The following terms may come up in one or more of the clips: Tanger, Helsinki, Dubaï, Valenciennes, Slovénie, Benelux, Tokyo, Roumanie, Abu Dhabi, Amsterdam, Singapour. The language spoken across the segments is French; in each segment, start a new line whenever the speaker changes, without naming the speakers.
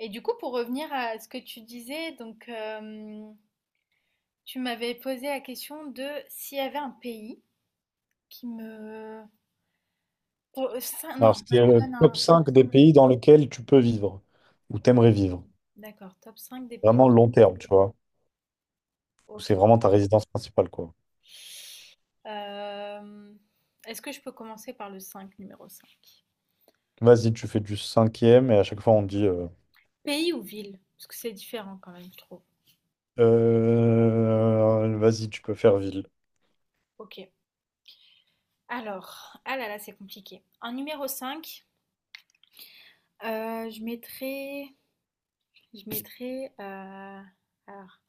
Et du coup, pour revenir à ce que tu disais, tu m'avais posé la question de s'il y avait un pays qui me... Pour,
Alors,
non,
c'est
fallait que je
le
donne
top
un top...
5 des pays dans lesquels tu peux vivre, ou
Oh,
t'aimerais vivre.
d'accord, top 5 des pays.
Vraiment long terme, tu vois. Où
Ok.
c'est vraiment ta résidence principale, quoi.
Euh, Est-ce que je peux commencer par le 5 numéro cinq?
Vas-y, tu fais du cinquième, et à chaque fois, on dit... euh,
Pays ou ville? Parce que c'est différent quand même, je trouve.
Euh, vas-y, tu peux faire ville.
Ok. Alors, ah là là, c'est compliqué. En numéro cinq, je mettrais... Je mettrais, heu, alors,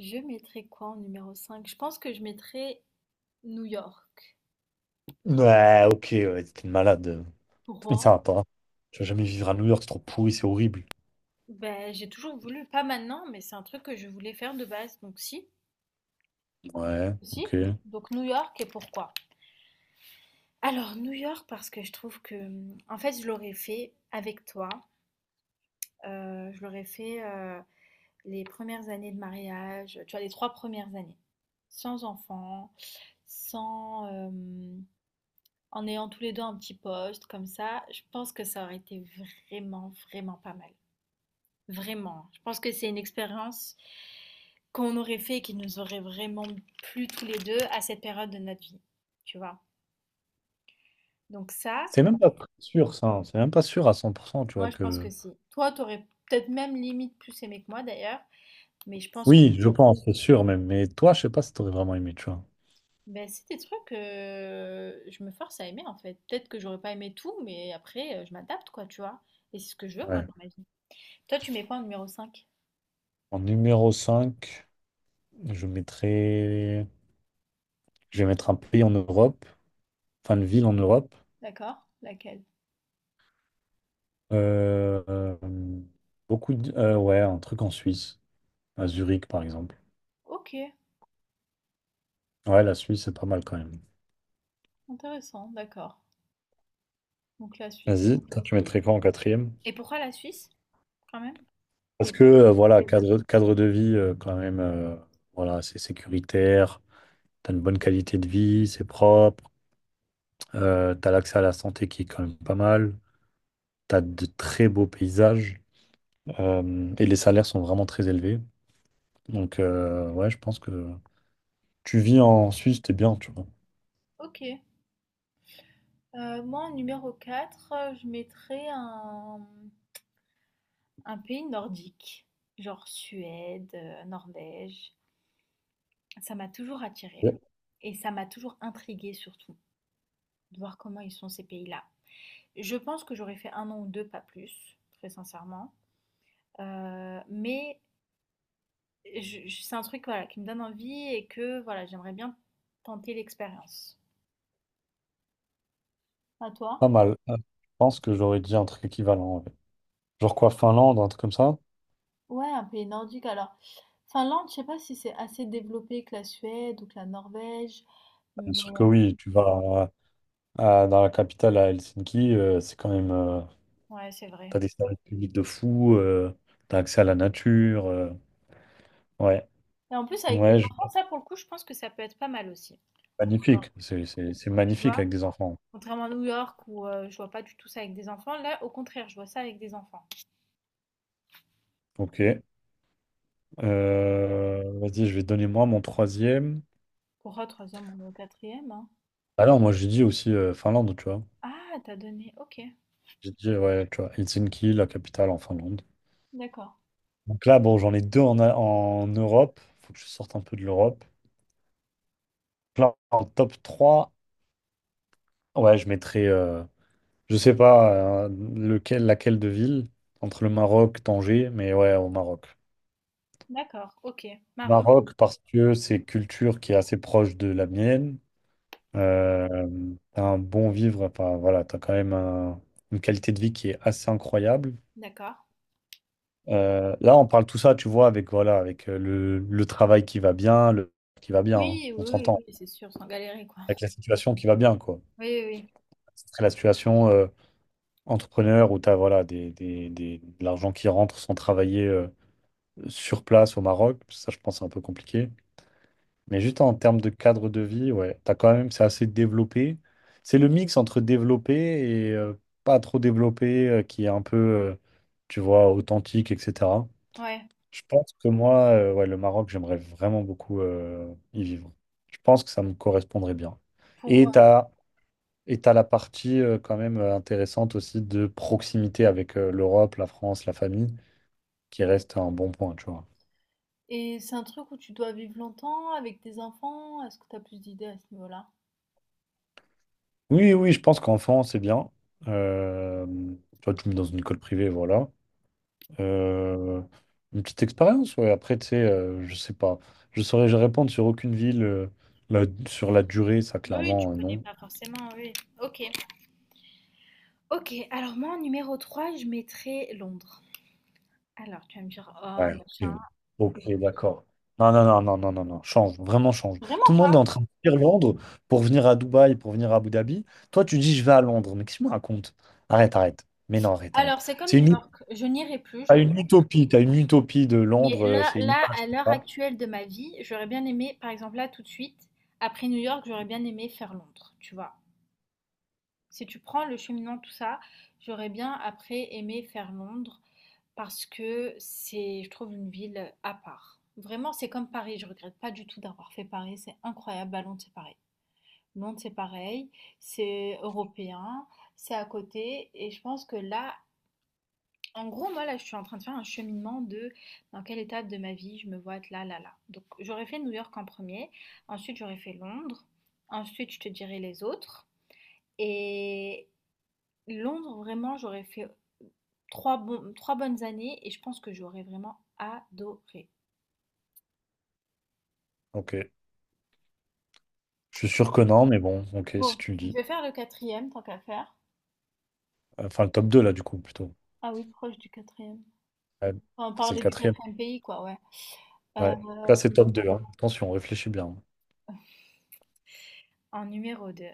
je mettrais quoi en numéro cinq? Je pense que je mettrais New York.
Ouais, ok, ouais, t'es une malade. Mais
Pourquoi?
ça va pas. Tu vas jamais vivre à New York, c'est trop pourri, c'est horrible.
Ben, j'ai toujours voulu, pas maintenant, mais c'est un truc que je voulais faire de base, donc si.
Ouais,
Si.
ok.
Donc New York, et pourquoi? Alors New York parce que je trouve que, mmh, en fait je l'aurais fait avec toi, je l'aurais fait, les premières années de mariage, tu vois, les 3 premières années. Sans enfant, sans, hem en ayant tous les deux un petit poste comme ça, je pense que ça aurait été vraiment, vraiment pas mal. Vraiment. Je pense que c'est une expérience qu'on aurait fait et qui nous aurait vraiment plu tous les deux à cette période de notre vie. Tu vois? Donc ça,
C'est même pas sûr, ça, hein. C'est même pas sûr à 100%, tu vois,
moi je pense
que...
que si. Toi, t'aurais peut-être même limite plus aimé que moi d'ailleurs, mais je pense que
Oui, je pense, c'est sûr même. Mais toi, je sais pas si t'aurais vraiment aimé, tu vois.
ben, c'est des trucs que je me force à aimer en fait. Peut-être que j'aurais pas aimé tout, mais après je m'adapte quoi, tu vois. Et c'est ce que je veux moi
Ouais.
dans ma vie. Toi, tu mets quoi en numéro cinq?
En numéro 5? Je mettrai Je vais mettre un pays en Europe, enfin une ville en Europe.
D'accord? Laquelle?
Euh, euh, ouais, un truc en Suisse, à Zurich par exemple.
OK,
Ouais, la Suisse, c'est pas mal quand même.
intéressant, d'accord. Donc la Suisse.
Vas-y, toi, tu mettrais quoi en quatrième?
Et pourquoi la Suisse, quand même?
Parce que,
Développe.
voilà, cadre de vie, quand même, voilà, c'est sécuritaire, t'as une bonne qualité de vie, c'est propre, t'as l'accès à la santé qui est quand même pas mal, t'as de très beaux paysages, et les salaires sont vraiment très élevés. Donc, ouais, je pense que... Tu vis en Suisse, t'es bien, tu vois.
OK. Moi, en numéro 4, je mettrais un pays nordique, genre Suède, Norvège. Ça m'a toujours attirée
Ouais.
et ça m'a toujours intriguée, surtout de voir comment ils sont ces pays-là. Je pense que j'aurais fait un an ou deux, pas plus, très sincèrement. Euh, mais c'est un truc voilà, qui me donne envie et que voilà, j'aimerais bien tenter l'expérience. À toi?
Pas mal. Ah. Je pense que j'aurais dit un truc équivalent, ouais. Genre quoi, Finlande, un truc comme ça?
Ouais, un pays nordique alors. Finlande, je sais pas si c'est assez développé que la Suède ou que la Norvège,
Bien
mais
sûr que
euh,
oui, tu vas dans la capitale à Helsinki, c'est quand même.
ouais, c'est vrai.
T'as des services publics de fou, t'as accès à la nature. Ouais.
Et en plus avec des
Ouais,
enfants, ça, pour le coup, je pense que ça peut être pas mal aussi. Encore,
magnifique. C'est
tu
magnifique
vois,
avec des enfants.
contrairement à New York où je vois pas du tout ça avec des enfants, là, au contraire, je vois ça avec des enfants.
Ok. Vas-y, je vais donner moi mon troisième.
Pour un troisième ou au quatrième, hein.
Alors, moi, j'ai dit aussi Finlande, tu vois.
Ah, t'as donné. Ok.
J'ai dit, ouais, tu vois, Helsinki, la capitale en Finlande.
D'accord.
Donc là, bon, j'en ai deux en Europe. Faut que je sorte un peu de l'Europe. Là, en top 3, ouais, je mettrais, je sais pas lequel, laquelle de ville, entre le Maroc, Tanger, mais ouais, au Maroc.
D'accord, ok. Maroc,
Maroc, parce que c'est culture qui est assez proche de la mienne. Euh, T'as un bon vivre, enfin voilà, t'as quand même une qualité de vie qui est assez incroyable.
d'accord.
Là, on parle tout ça, tu vois, avec voilà, avec le travail qui va bien, le qui va bien, hein,
Oui, oui,
on s'entend.
oui, oui, c'est sûr, sans galérer quoi.
Avec la situation qui va bien, quoi.
Oui, oui,
Ce serait la situation entrepreneur où tu as voilà, de l'argent qui rentre sans travailler sur place au Maroc. Ça, je pense, c'est un peu compliqué. Mais juste en termes de cadre de vie, ouais, t'as quand même, c'est assez développé. C'est le mix entre développé et pas trop développé qui est un peu, tu vois, authentique, etc.
oui. Ouais.
Je pense que moi, ouais, le Maroc, j'aimerais vraiment beaucoup y vivre. Je pense que ça me correspondrait bien. Et tu
Pour...
as Et tu as la partie quand même intéressante aussi de proximité avec l'Europe, la France, la famille, qui reste un bon point, tu vois.
Et c'est un truc où tu dois vivre longtemps avec tes enfants? Est-ce que tu as plus d'idées à ce niveau-là?
Oui, oui, je pense qu'enfant, c'est bien. Euh, tu vois, tu me mets dans une école privée, voilà. Euh, une petite expérience, ouais. Après, tu sais, je sais pas. Je saurais je répondre sur aucune ville, sur la durée, ça,
Oui, tu
clairement,
connais
non.
pas forcément, oui. Ok. Ok, alors moi en numéro 3, je mettrais Londres. Alors tu vas me dire,
Ouais,
oh
ok,
machin.
Ok, d'accord. Non, non, non, non, non, non, non, change, vraiment change. Tout
Vraiment
le monde est
pas.
en train de fuir Londres pour venir à Dubaï, pour venir à Abu Dhabi. Toi, tu dis, je vais à Londres. Mais qu'est-ce que tu me racontes? Arrête, arrête. Mais non, arrête, arrête.
Alors c'est comme New York, je n'irai plus, je
T'as
pense.
une utopie, t'as une utopie de
Mais
Londres,
là,
c'est une
là,
image
à
comme
l'heure
ça.
actuelle de ma vie, j'aurais bien aimé, par exemple là tout de suite, après New York, j'aurais bien aimé faire Londres, tu vois. Si tu prends le cheminant, tout ça, j'aurais bien après aimé faire Londres. Parce que c'est, je trouve, une ville à part. Vraiment, c'est comme Paris. Je regrette pas du tout d'avoir fait Paris. C'est incroyable. Bah, Londres, c'est pareil. Londres, c'est pareil. C'est européen. C'est à côté. Et je pense que là, en gros, moi, là, je suis en train de faire un cheminement de dans quelle étape de ma vie je me vois être là, là, là. Donc, j'aurais fait New York en premier. Ensuite, j'aurais fait Londres. Ensuite, je te dirai les autres. Et Londres, vraiment, j'aurais fait 3 bon, trois bonnes années et je pense que j'aurais vraiment adoré.
Ok, je suis sûr que non, mais bon, ok,
Bon,
si tu le
je
dis.
vais faire le quatrième, tant qu'à faire.
Enfin, le top 2 là, du coup, plutôt.
Ah oui, proche du quatrième.
Ouais,
Enfin,
c'est le
parler du
quatrième.
quatrième pays, quoi, ouais. Euh,
Ouais, là, c'est top deux, hein. Attention, réfléchis bien.
En numéro deux,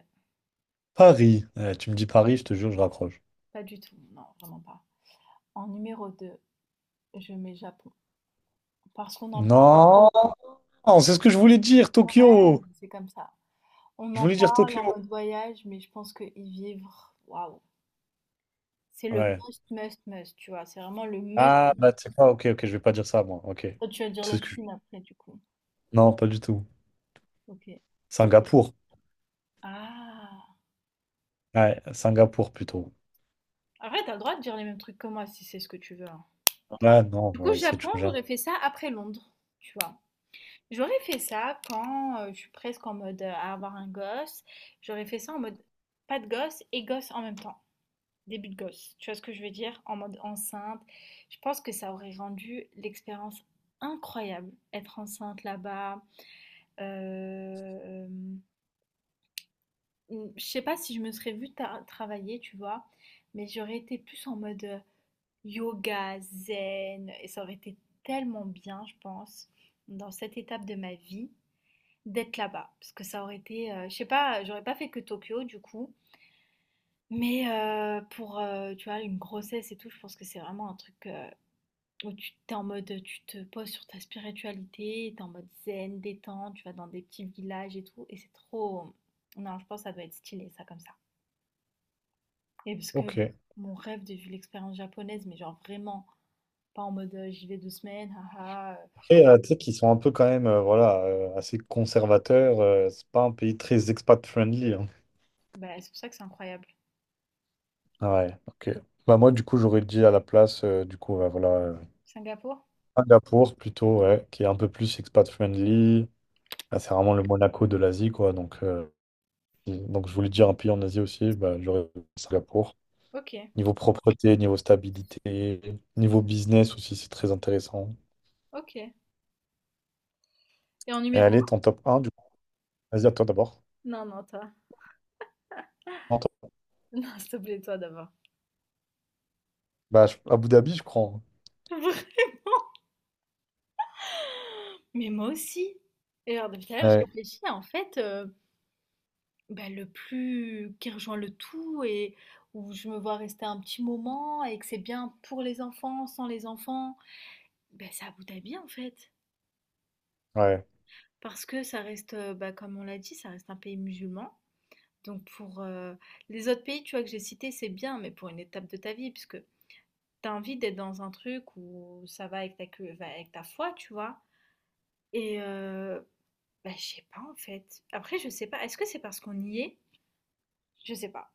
Paris. Eh, tu me dis Paris, je te jure, je raccroche.
pas du tout, non, vraiment pas. En numéro 2, je mets Japon. Parce qu'on en parle,
Non! Non, c'est ce que je voulais dire,
ouais,
Tokyo.
c'est comme ça. On
Je
en
voulais dire
parle
Tokyo.
en mode voyage, mais je pense que y vivre, waouh, c'est le
Ouais.
must, must, must, tu vois. C'est vraiment le must.
Ah, bah, tu sais quoi, ok, ok, je vais pas dire ça, moi. Ok.
Toi, tu vas dire
C'est
la
ce que je-
Chine après, du coup.
Non, pas du tout.
OK.
Singapour.
Ah!
Ouais, Singapour plutôt.
Après, tu as le droit de dire les mêmes trucs que moi si c'est ce que tu veux, hein.
Ouais, non,
Du
on
coup,
va essayer de
Japon,
changer.
j'aurais fait ça après Londres, tu vois? J'aurais fait ça quand je suis presque en mode à avoir un gosse. J'aurais fait ça en mode pas de gosse et gosse en même temps. Début de gosse. Tu vois ce que je veux dire? En mode enceinte. Je pense que ça aurait rendu l'expérience incroyable. Être enceinte là-bas. Euh, je sais pas si je me serais travailler, tu vois, mais j'aurais été plus en mode. Yoga, zen, et ça aurait été tellement bien, je pense, dans cette étape de ma vie, d'être là-bas. Parce que ça aurait été, je sais pas, j'aurais pas fait que Tokyo du coup. Pour, tu vois, une grossesse et tout, je pense que c'est vraiment un truc où tu t'es en mode, tu te poses sur ta spiritualité, t'es en mode zen, détente, tu vas dans des petits villages et tout. Et c'est trop... Non, je pense que ça doit être stylé, ça, comme ça. Et parce que
Ok.
mon rêve de vivre l'expérience japonaise, mais genre vraiment, pas en mode, j'y vais deux semaines, haha.
Après, tu sais qu'ils sont un peu quand même, voilà, assez conservateurs. C'est pas un pays très expat-friendly, hein.
Bah, c'est pour ça que c'est incroyable.
Ouais, ok. Bah, moi, du coup, j'aurais dit à la place, du coup, ouais, voilà,
Singapour?
Singapour plutôt, ouais, qui est un peu plus expat-friendly. Ah, c'est vraiment le Monaco de l'Asie, quoi. Donc. Et donc, je voulais dire un pays en Asie aussi, bah, j'aurais dit Singapour.
Ok,
Niveau propreté, niveau stabilité, niveau business aussi, c'est très intéressant.
ok. Et en
Et
numéro
allez,
1?
ton top un du coup. Vas-y, à toi d'abord.
Non, non, toi.
Non, toi.
Non, s'il te plaît, toi d'abord.
Bah, Abu Dhabi, je crois, hein.
Vraiment? Mais moi aussi. Et alors, depuis tout à l'heure, je
Ouais,
réfléchis, en fait, bah, le plus qui rejoint le tout et où je me vois rester un petit moment et que c'est bien pour les enfants, sans les enfants, bah, c'est Abu Dhabi, en fait.
ouais.
Parce que ça reste, bah, comme on l'a dit, ça reste un pays musulman. Donc pour les autres pays, tu vois, que j'ai cités, c'est bien, mais pour une étape de ta vie, puisque t'as envie d'être dans un truc où ça va avec va avec ta foi, tu vois. Et euh, bah, je sais pas en fait. Après, je sais pas. Est-ce que c'est parce qu'on y est? Je sais pas.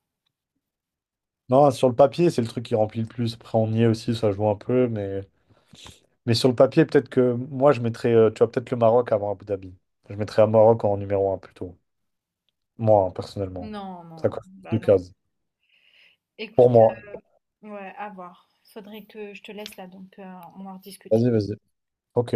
Non, sur le papier, c'est le truc qui remplit le plus. Après, on y est aussi, ça joue un peu. Mais, sur le papier, peut-être que moi, je mettrais, tu vois, peut-être le Maroc avant Abu Dhabi. Je mettrais le Maroc en numéro 1 plutôt. Moi, hein,
Non,
personnellement.
non,
Ça
non.
coche
Bah
plus de
non.
cases. Pour
Écoute,
moi.
ouais, à voir. Faudrait que je te laisse là, on en rediscute.
Vas-y, vas-y. Ok.